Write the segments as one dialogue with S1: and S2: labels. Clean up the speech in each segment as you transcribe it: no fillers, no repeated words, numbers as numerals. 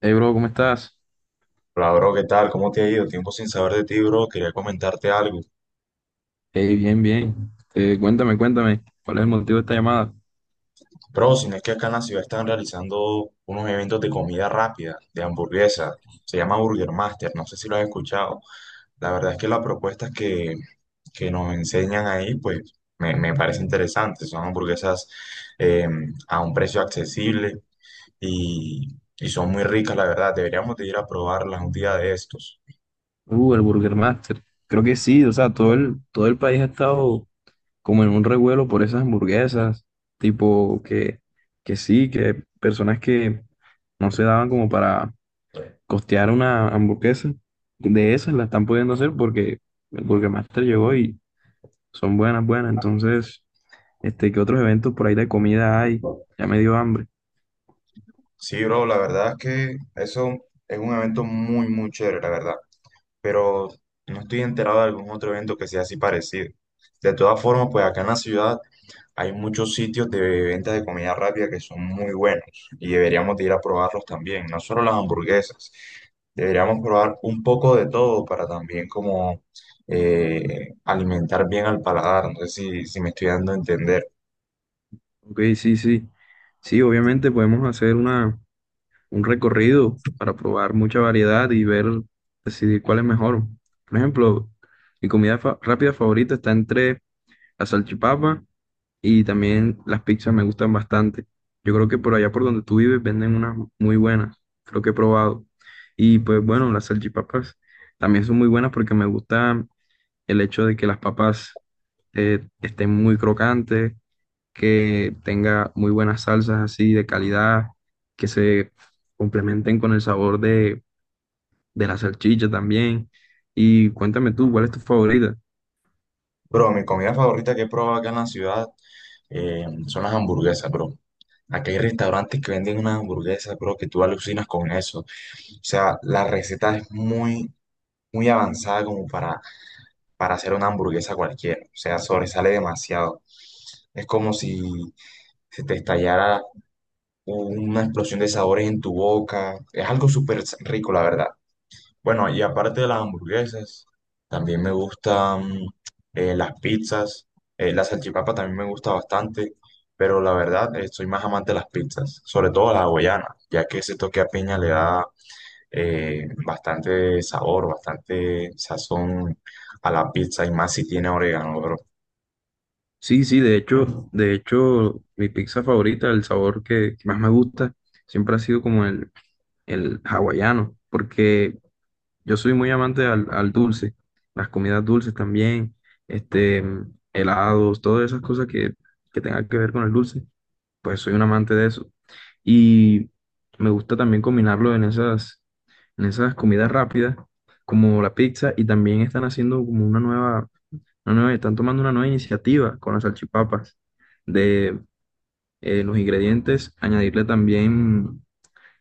S1: Hey, bro, ¿cómo estás?
S2: Hola, bro, ¿qué tal? ¿Cómo te ha ido? Tiempo sin saber de ti, bro. Quería comentarte algo.
S1: Hey, bien, bien. Cuéntame, ¿cuál es el motivo de esta llamada?
S2: Bro, si no es que acá en la ciudad están realizando unos eventos de comida rápida, de hamburguesa. Se llama Burger Master, no sé si lo has escuchado. La verdad es que las propuestas que nos enseñan ahí, pues me parece interesante. Son hamburguesas eh, a un precio accesible y, y son muy ricas, la verdad. Deberíamos de ir a probarlas un día de estos.
S1: El Burger Master. Creo que sí, o sea, todo el país ha estado como en un revuelo por esas hamburguesas, tipo que sí, que personas que no se daban como para costear una hamburguesa, de esas la están pudiendo hacer porque el Burger Master llegó y son buenas, buenas. Entonces, este, ¿qué otros eventos por ahí de comida hay? Ya me dio hambre.
S2: Sí, bro, la verdad es que eso es un evento muy, muy chévere, la verdad, pero no estoy enterado de algún otro evento que sea así parecido. De todas formas, pues acá en la ciudad hay muchos sitios de ventas de comida rápida que son muy buenos y deberíamos de ir a probarlos también, no solo las hamburguesas. Deberíamos probar un poco de todo para también como alimentar bien al paladar. No sé si me estoy dando a entender.
S1: Ok, sí, sí. Sí, obviamente podemos hacer un recorrido para probar mucha variedad y ver, decidir cuál es mejor. Por ejemplo, mi comida rápida favorita está entre la salchipapa y también las pizzas me gustan bastante. Yo creo que por allá por donde tú vives venden unas muy buenas, creo que he probado. Y pues bueno, las salchipapas también son muy buenas porque me gusta el hecho de que las papas estén muy crocantes, que tenga muy buenas salsas así de calidad, que se complementen con el sabor de la salchicha también. Y cuéntame tú, ¿cuál es tu favorita?
S2: Bro, mi comida favorita que he probado acá en la ciudad son las hamburguesas, bro. Aquí hay restaurantes que venden unas hamburguesas, bro, que tú alucinas con eso. O sea, la receta es muy, muy avanzada como para hacer una hamburguesa cualquiera. O sea, sobresale demasiado. Es como si se te estallara una explosión de sabores en tu boca. Es algo súper rico, la verdad. Bueno, y aparte de las hamburguesas, también me gustan las pizzas. La salchipapa también me gusta bastante. Pero la verdad, soy más amante de las pizzas, sobre todo la hawaiana, ya que ese toque a piña le da bastante sabor, bastante sazón a la pizza y más si tiene orégano, bro.
S1: Sí, sí, de hecho, mi pizza favorita, el sabor que más me gusta, siempre ha sido como el hawaiano, porque yo soy muy amante al dulce, las comidas dulces también, este, mm, helados, todas esas cosas que tengan que ver con el dulce. Pues soy un amante de eso. Y me gusta también combinarlo en en esas comidas rápidas, como la pizza, y también están haciendo como una nueva, están tomando una nueva iniciativa con las salchipapas, de los ingredientes, añadirle también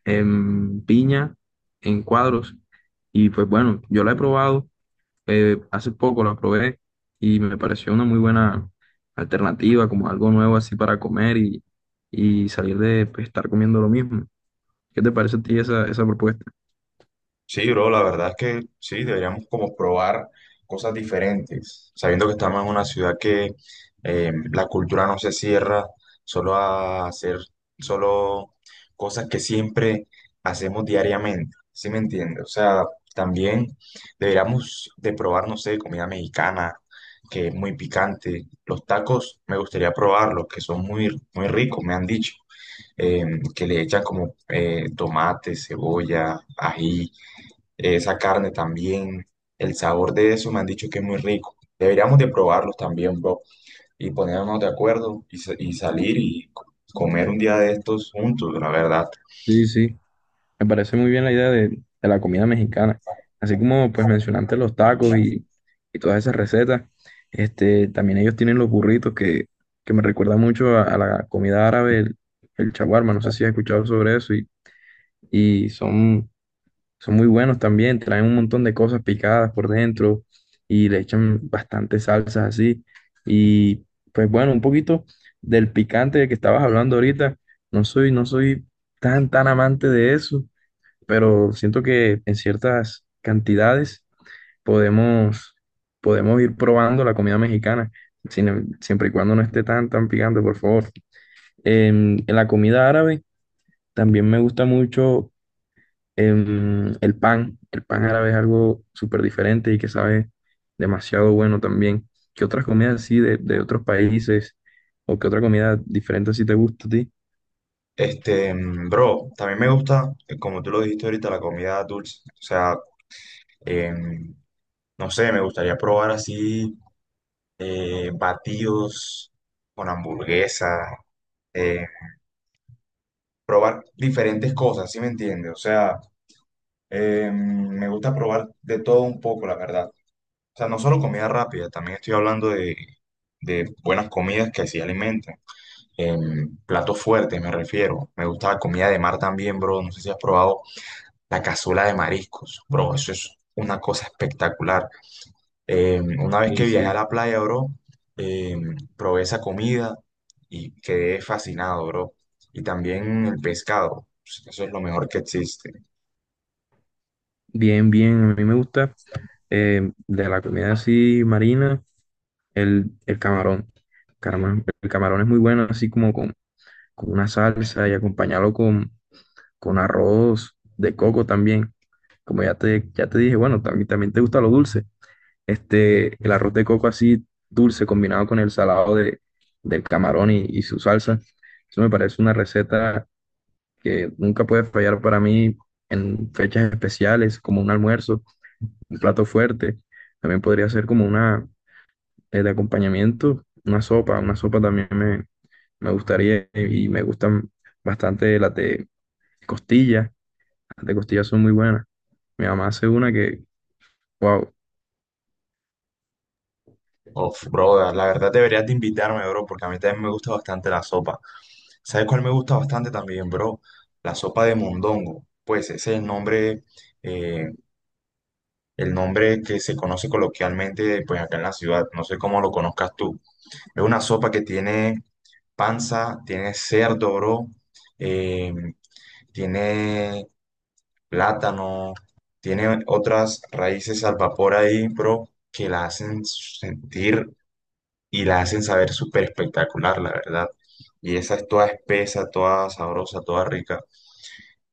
S1: piña en cuadros. Y pues bueno, yo la he probado, hace poco la probé y me pareció una muy buena alternativa, como algo nuevo así para comer y salir de pues, estar comiendo lo mismo. ¿Qué te parece a ti esa propuesta?
S2: Sí, bro, la verdad es que sí, deberíamos como probar cosas diferentes, sabiendo que estamos en una ciudad que la cultura no se cierra solo a hacer solo cosas que siempre hacemos diariamente, ¿sí me entiendes? O sea, también deberíamos de probar, no sé, comida mexicana, que es muy picante. Los tacos me gustaría probarlos, que son muy, muy ricos, me han dicho, eh, que le echan como tomate, cebolla, ají, esa carne también, el sabor de eso me han dicho que es muy rico. Deberíamos de probarlos también, bro, y ponernos de acuerdo y salir y comer un día de estos juntos, la verdad.
S1: Sí, sí, me parece muy bien la idea de la comida mexicana. Así como pues mencionaste los tacos y todas esas recetas, este, también ellos tienen los burritos que me recuerda mucho a la comida árabe, el shawarma, no sé si has escuchado sobre eso, y son son muy buenos también, traen un montón de cosas picadas por dentro y le echan bastantes salsas así. Y pues bueno, un poquito del picante de que estabas hablando ahorita. No soy tan amante de eso, pero siento que en ciertas cantidades podemos, podemos ir probando la comida mexicana, siempre y cuando no esté tan picante, por favor. En la comida árabe también me gusta mucho. Em, el pan árabe es algo súper diferente y que sabe demasiado bueno también. ¿Qué otras comidas así de otros países o qué otra comida diferente así te gusta a ti?
S2: Este, mm, bro, también me gusta, como tú lo dijiste ahorita, la comida dulce. O sea, em, no sé, me gustaría probar así batidos con hamburguesa, eh, probar diferentes cosas, ¿sí me entiendes? O sea, me gusta probar de todo un poco, la verdad. O sea, no solo comida rápida, también estoy hablando de buenas comidas que sí alimentan. Em, platos fuertes me refiero. Me gusta la comida de mar también, bro. No sé si has probado la cazuela de mariscos, bro. Eso es una cosa espectacular. Em, una vez
S1: Y
S2: que viajé a
S1: sí,
S2: la playa, bro, probé esa comida y quedé fascinado, bro. Y también el pescado. Eso es lo mejor que existe.
S1: bien, bien, a mí me gusta, em, de la comida así marina, el camarón. Caramba, el camarón es muy bueno así como con una salsa y acompañarlo con arroz de coco también. Como ya te dije, bueno, también, también te gusta lo dulce. Este, el arroz de coco así dulce combinado con el salado del camarón y su salsa. Eso me parece una receta que nunca puede fallar para mí en fechas especiales, como un almuerzo, un plato fuerte. También podría ser como una, de acompañamiento, una sopa. Una sopa también me gustaría y me gustan bastante las de costilla. Las de costilla son muy buenas. Mi mamá hace una wow.
S2: Of, bro, la verdad deberías de invitarme, bro, porque a mí también me gusta bastante la sopa. ¿Sabes cuál me gusta bastante también, bro? La sopa de mondongo. Pues ese es eh, el nombre que se conoce coloquialmente, pues acá en la ciudad. No sé cómo lo conozcas tú. Es una sopa que tiene panza, tiene cerdo, bro, eh, tiene plátano, tiene otras raíces al vapor ahí, bro, que la hacen sentir y la hacen saber súper espectacular, la verdad. Y esa es toda espesa, toda sabrosa, toda rica.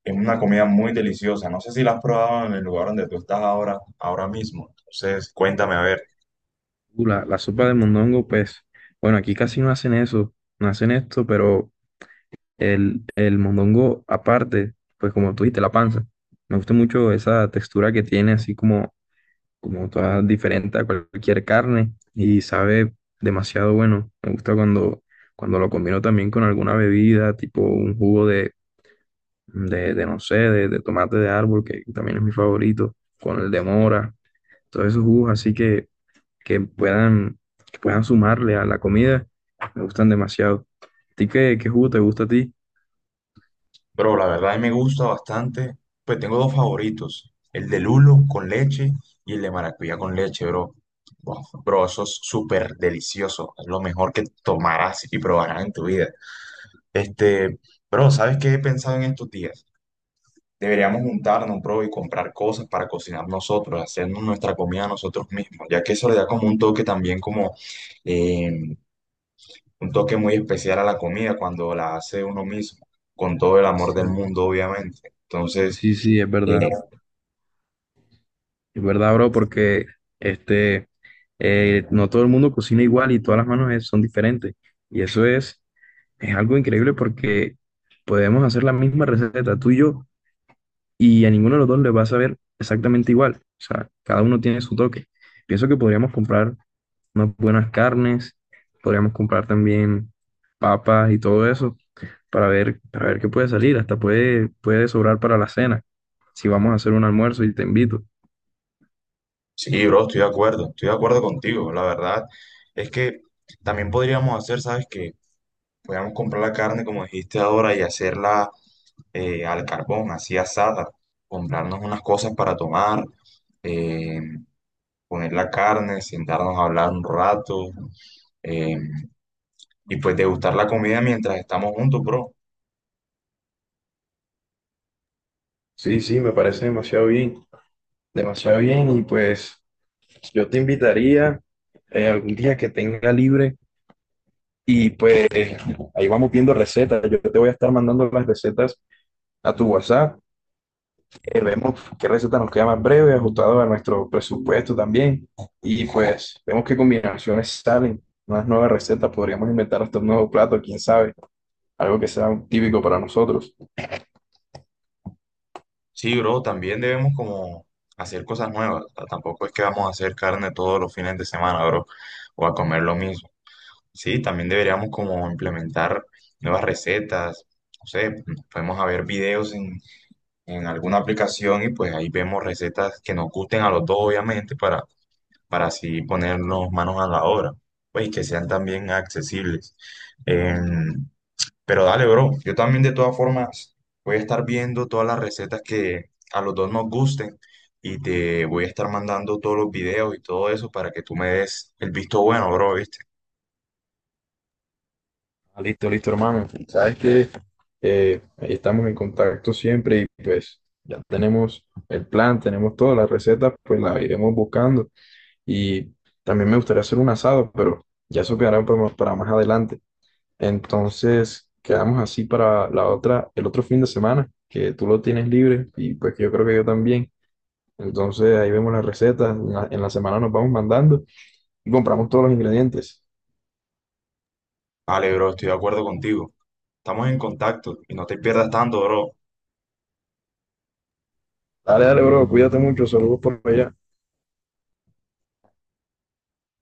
S2: Es una comida muy deliciosa. No sé si la has probado en el lugar donde tú estás ahora, ahora mismo. Entonces, cuéntame a ver.
S1: La sopa de mondongo, pues, bueno, aquí casi no hacen eso, no hacen esto, pero el mondongo aparte, pues como tú dijiste, la panza. Me gusta mucho esa textura que tiene, así como, como toda diferente a cualquier carne y sabe demasiado bueno. Me gusta cuando lo combino también con alguna bebida, tipo un jugo no sé, de tomate de árbol, que también es mi favorito, con el de mora, todos esos jugos así que puedan, que puedan sumarle a la comida, me gustan demasiado. ¿A ti qué jugo te gusta a ti?
S2: Pero la verdad a mí me gusta bastante. Pues tengo dos favoritos. El de lulo con leche y el de maracuyá con leche, bro. Wow, bro, eso es súper delicioso. Es lo mejor que tomarás y probarás en tu vida. Este, bro, ¿sabes qué he pensado en estos días? Deberíamos juntarnos, bro, y comprar cosas para cocinar nosotros, hacernos nuestra comida nosotros mismos, ya que eso le da como un toque también como eh, un toque muy especial a la comida cuando la hace uno mismo, con todo el amor del
S1: Sí,
S2: mundo, obviamente. Entonces,
S1: sí, sí, es
S2: eh,
S1: verdad. Es verdad, bro, porque este, no todo el mundo cocina igual y todas las manos son diferentes. Y eso es algo increíble porque podemos hacer la misma receta, tú y yo, y a ninguno de los dos le va a saber exactamente igual. O sea, cada uno tiene su toque. Pienso que podríamos comprar unas buenas carnes, podríamos comprar también papas y todo eso para ver qué puede salir, hasta puede sobrar para la cena, si vamos a hacer un almuerzo y te invito.
S2: sí, bro, estoy de acuerdo contigo. La verdad es que también podríamos hacer, ¿sabes qué? Podríamos comprar la carne, como dijiste ahora, y hacerla al carbón, así asada, comprarnos unas cosas para tomar. eh, Poner la carne, sentarnos a hablar un rato, eh, y pues degustar la comida mientras estamos juntos, bro.
S1: Sí, sí, me parece demasiado bien y pues yo te invitaría, algún día que tenga libre y pues ahí vamos viendo recetas, yo te voy a estar mandando las recetas a tu WhatsApp. Vemos qué receta nos queda más breve, ajustado a nuestro presupuesto también. Y pues vemos qué combinaciones salen, unas nuevas recetas, podríamos inventar hasta un nuevo plato, quién sabe, algo que sea típico para nosotros.
S2: Sí, bro, también debemos como hacer cosas nuevas. O sea, tampoco es que vamos a hacer carne todos los fines de semana, bro, o a comer lo mismo. Sí, también deberíamos como implementar nuevas recetas. No sé, podemos a ver videos en alguna aplicación y pues ahí vemos recetas que nos gusten a los dos, obviamente, para así ponernos manos a la obra, pues y que sean también accesibles. Em, pero dale, bro, yo también de todas formas voy a estar viendo todas las recetas que a los dos nos gusten y te voy a estar mandando todos los videos y todo eso para que tú me des el visto bueno, bro, ¿viste?
S1: Ah, listo, listo, hermano. Sabes que ahí estamos en contacto siempre y pues ya tenemos el plan, tenemos todas las recetas, pues las iremos buscando. Y también me gustaría hacer un asado, pero ya eso quedará para más adelante. Entonces, quedamos así para la otra, el otro fin de semana, que tú lo tienes libre y pues que yo creo que yo también. Entonces, ahí vemos las recetas, en la semana nos vamos mandando y compramos todos los ingredientes.
S2: Vale, bro, estoy de acuerdo contigo. Estamos en contacto y no te pierdas tanto, bro.
S1: Dale, dale, bro, cuídate mucho, saludos por allá.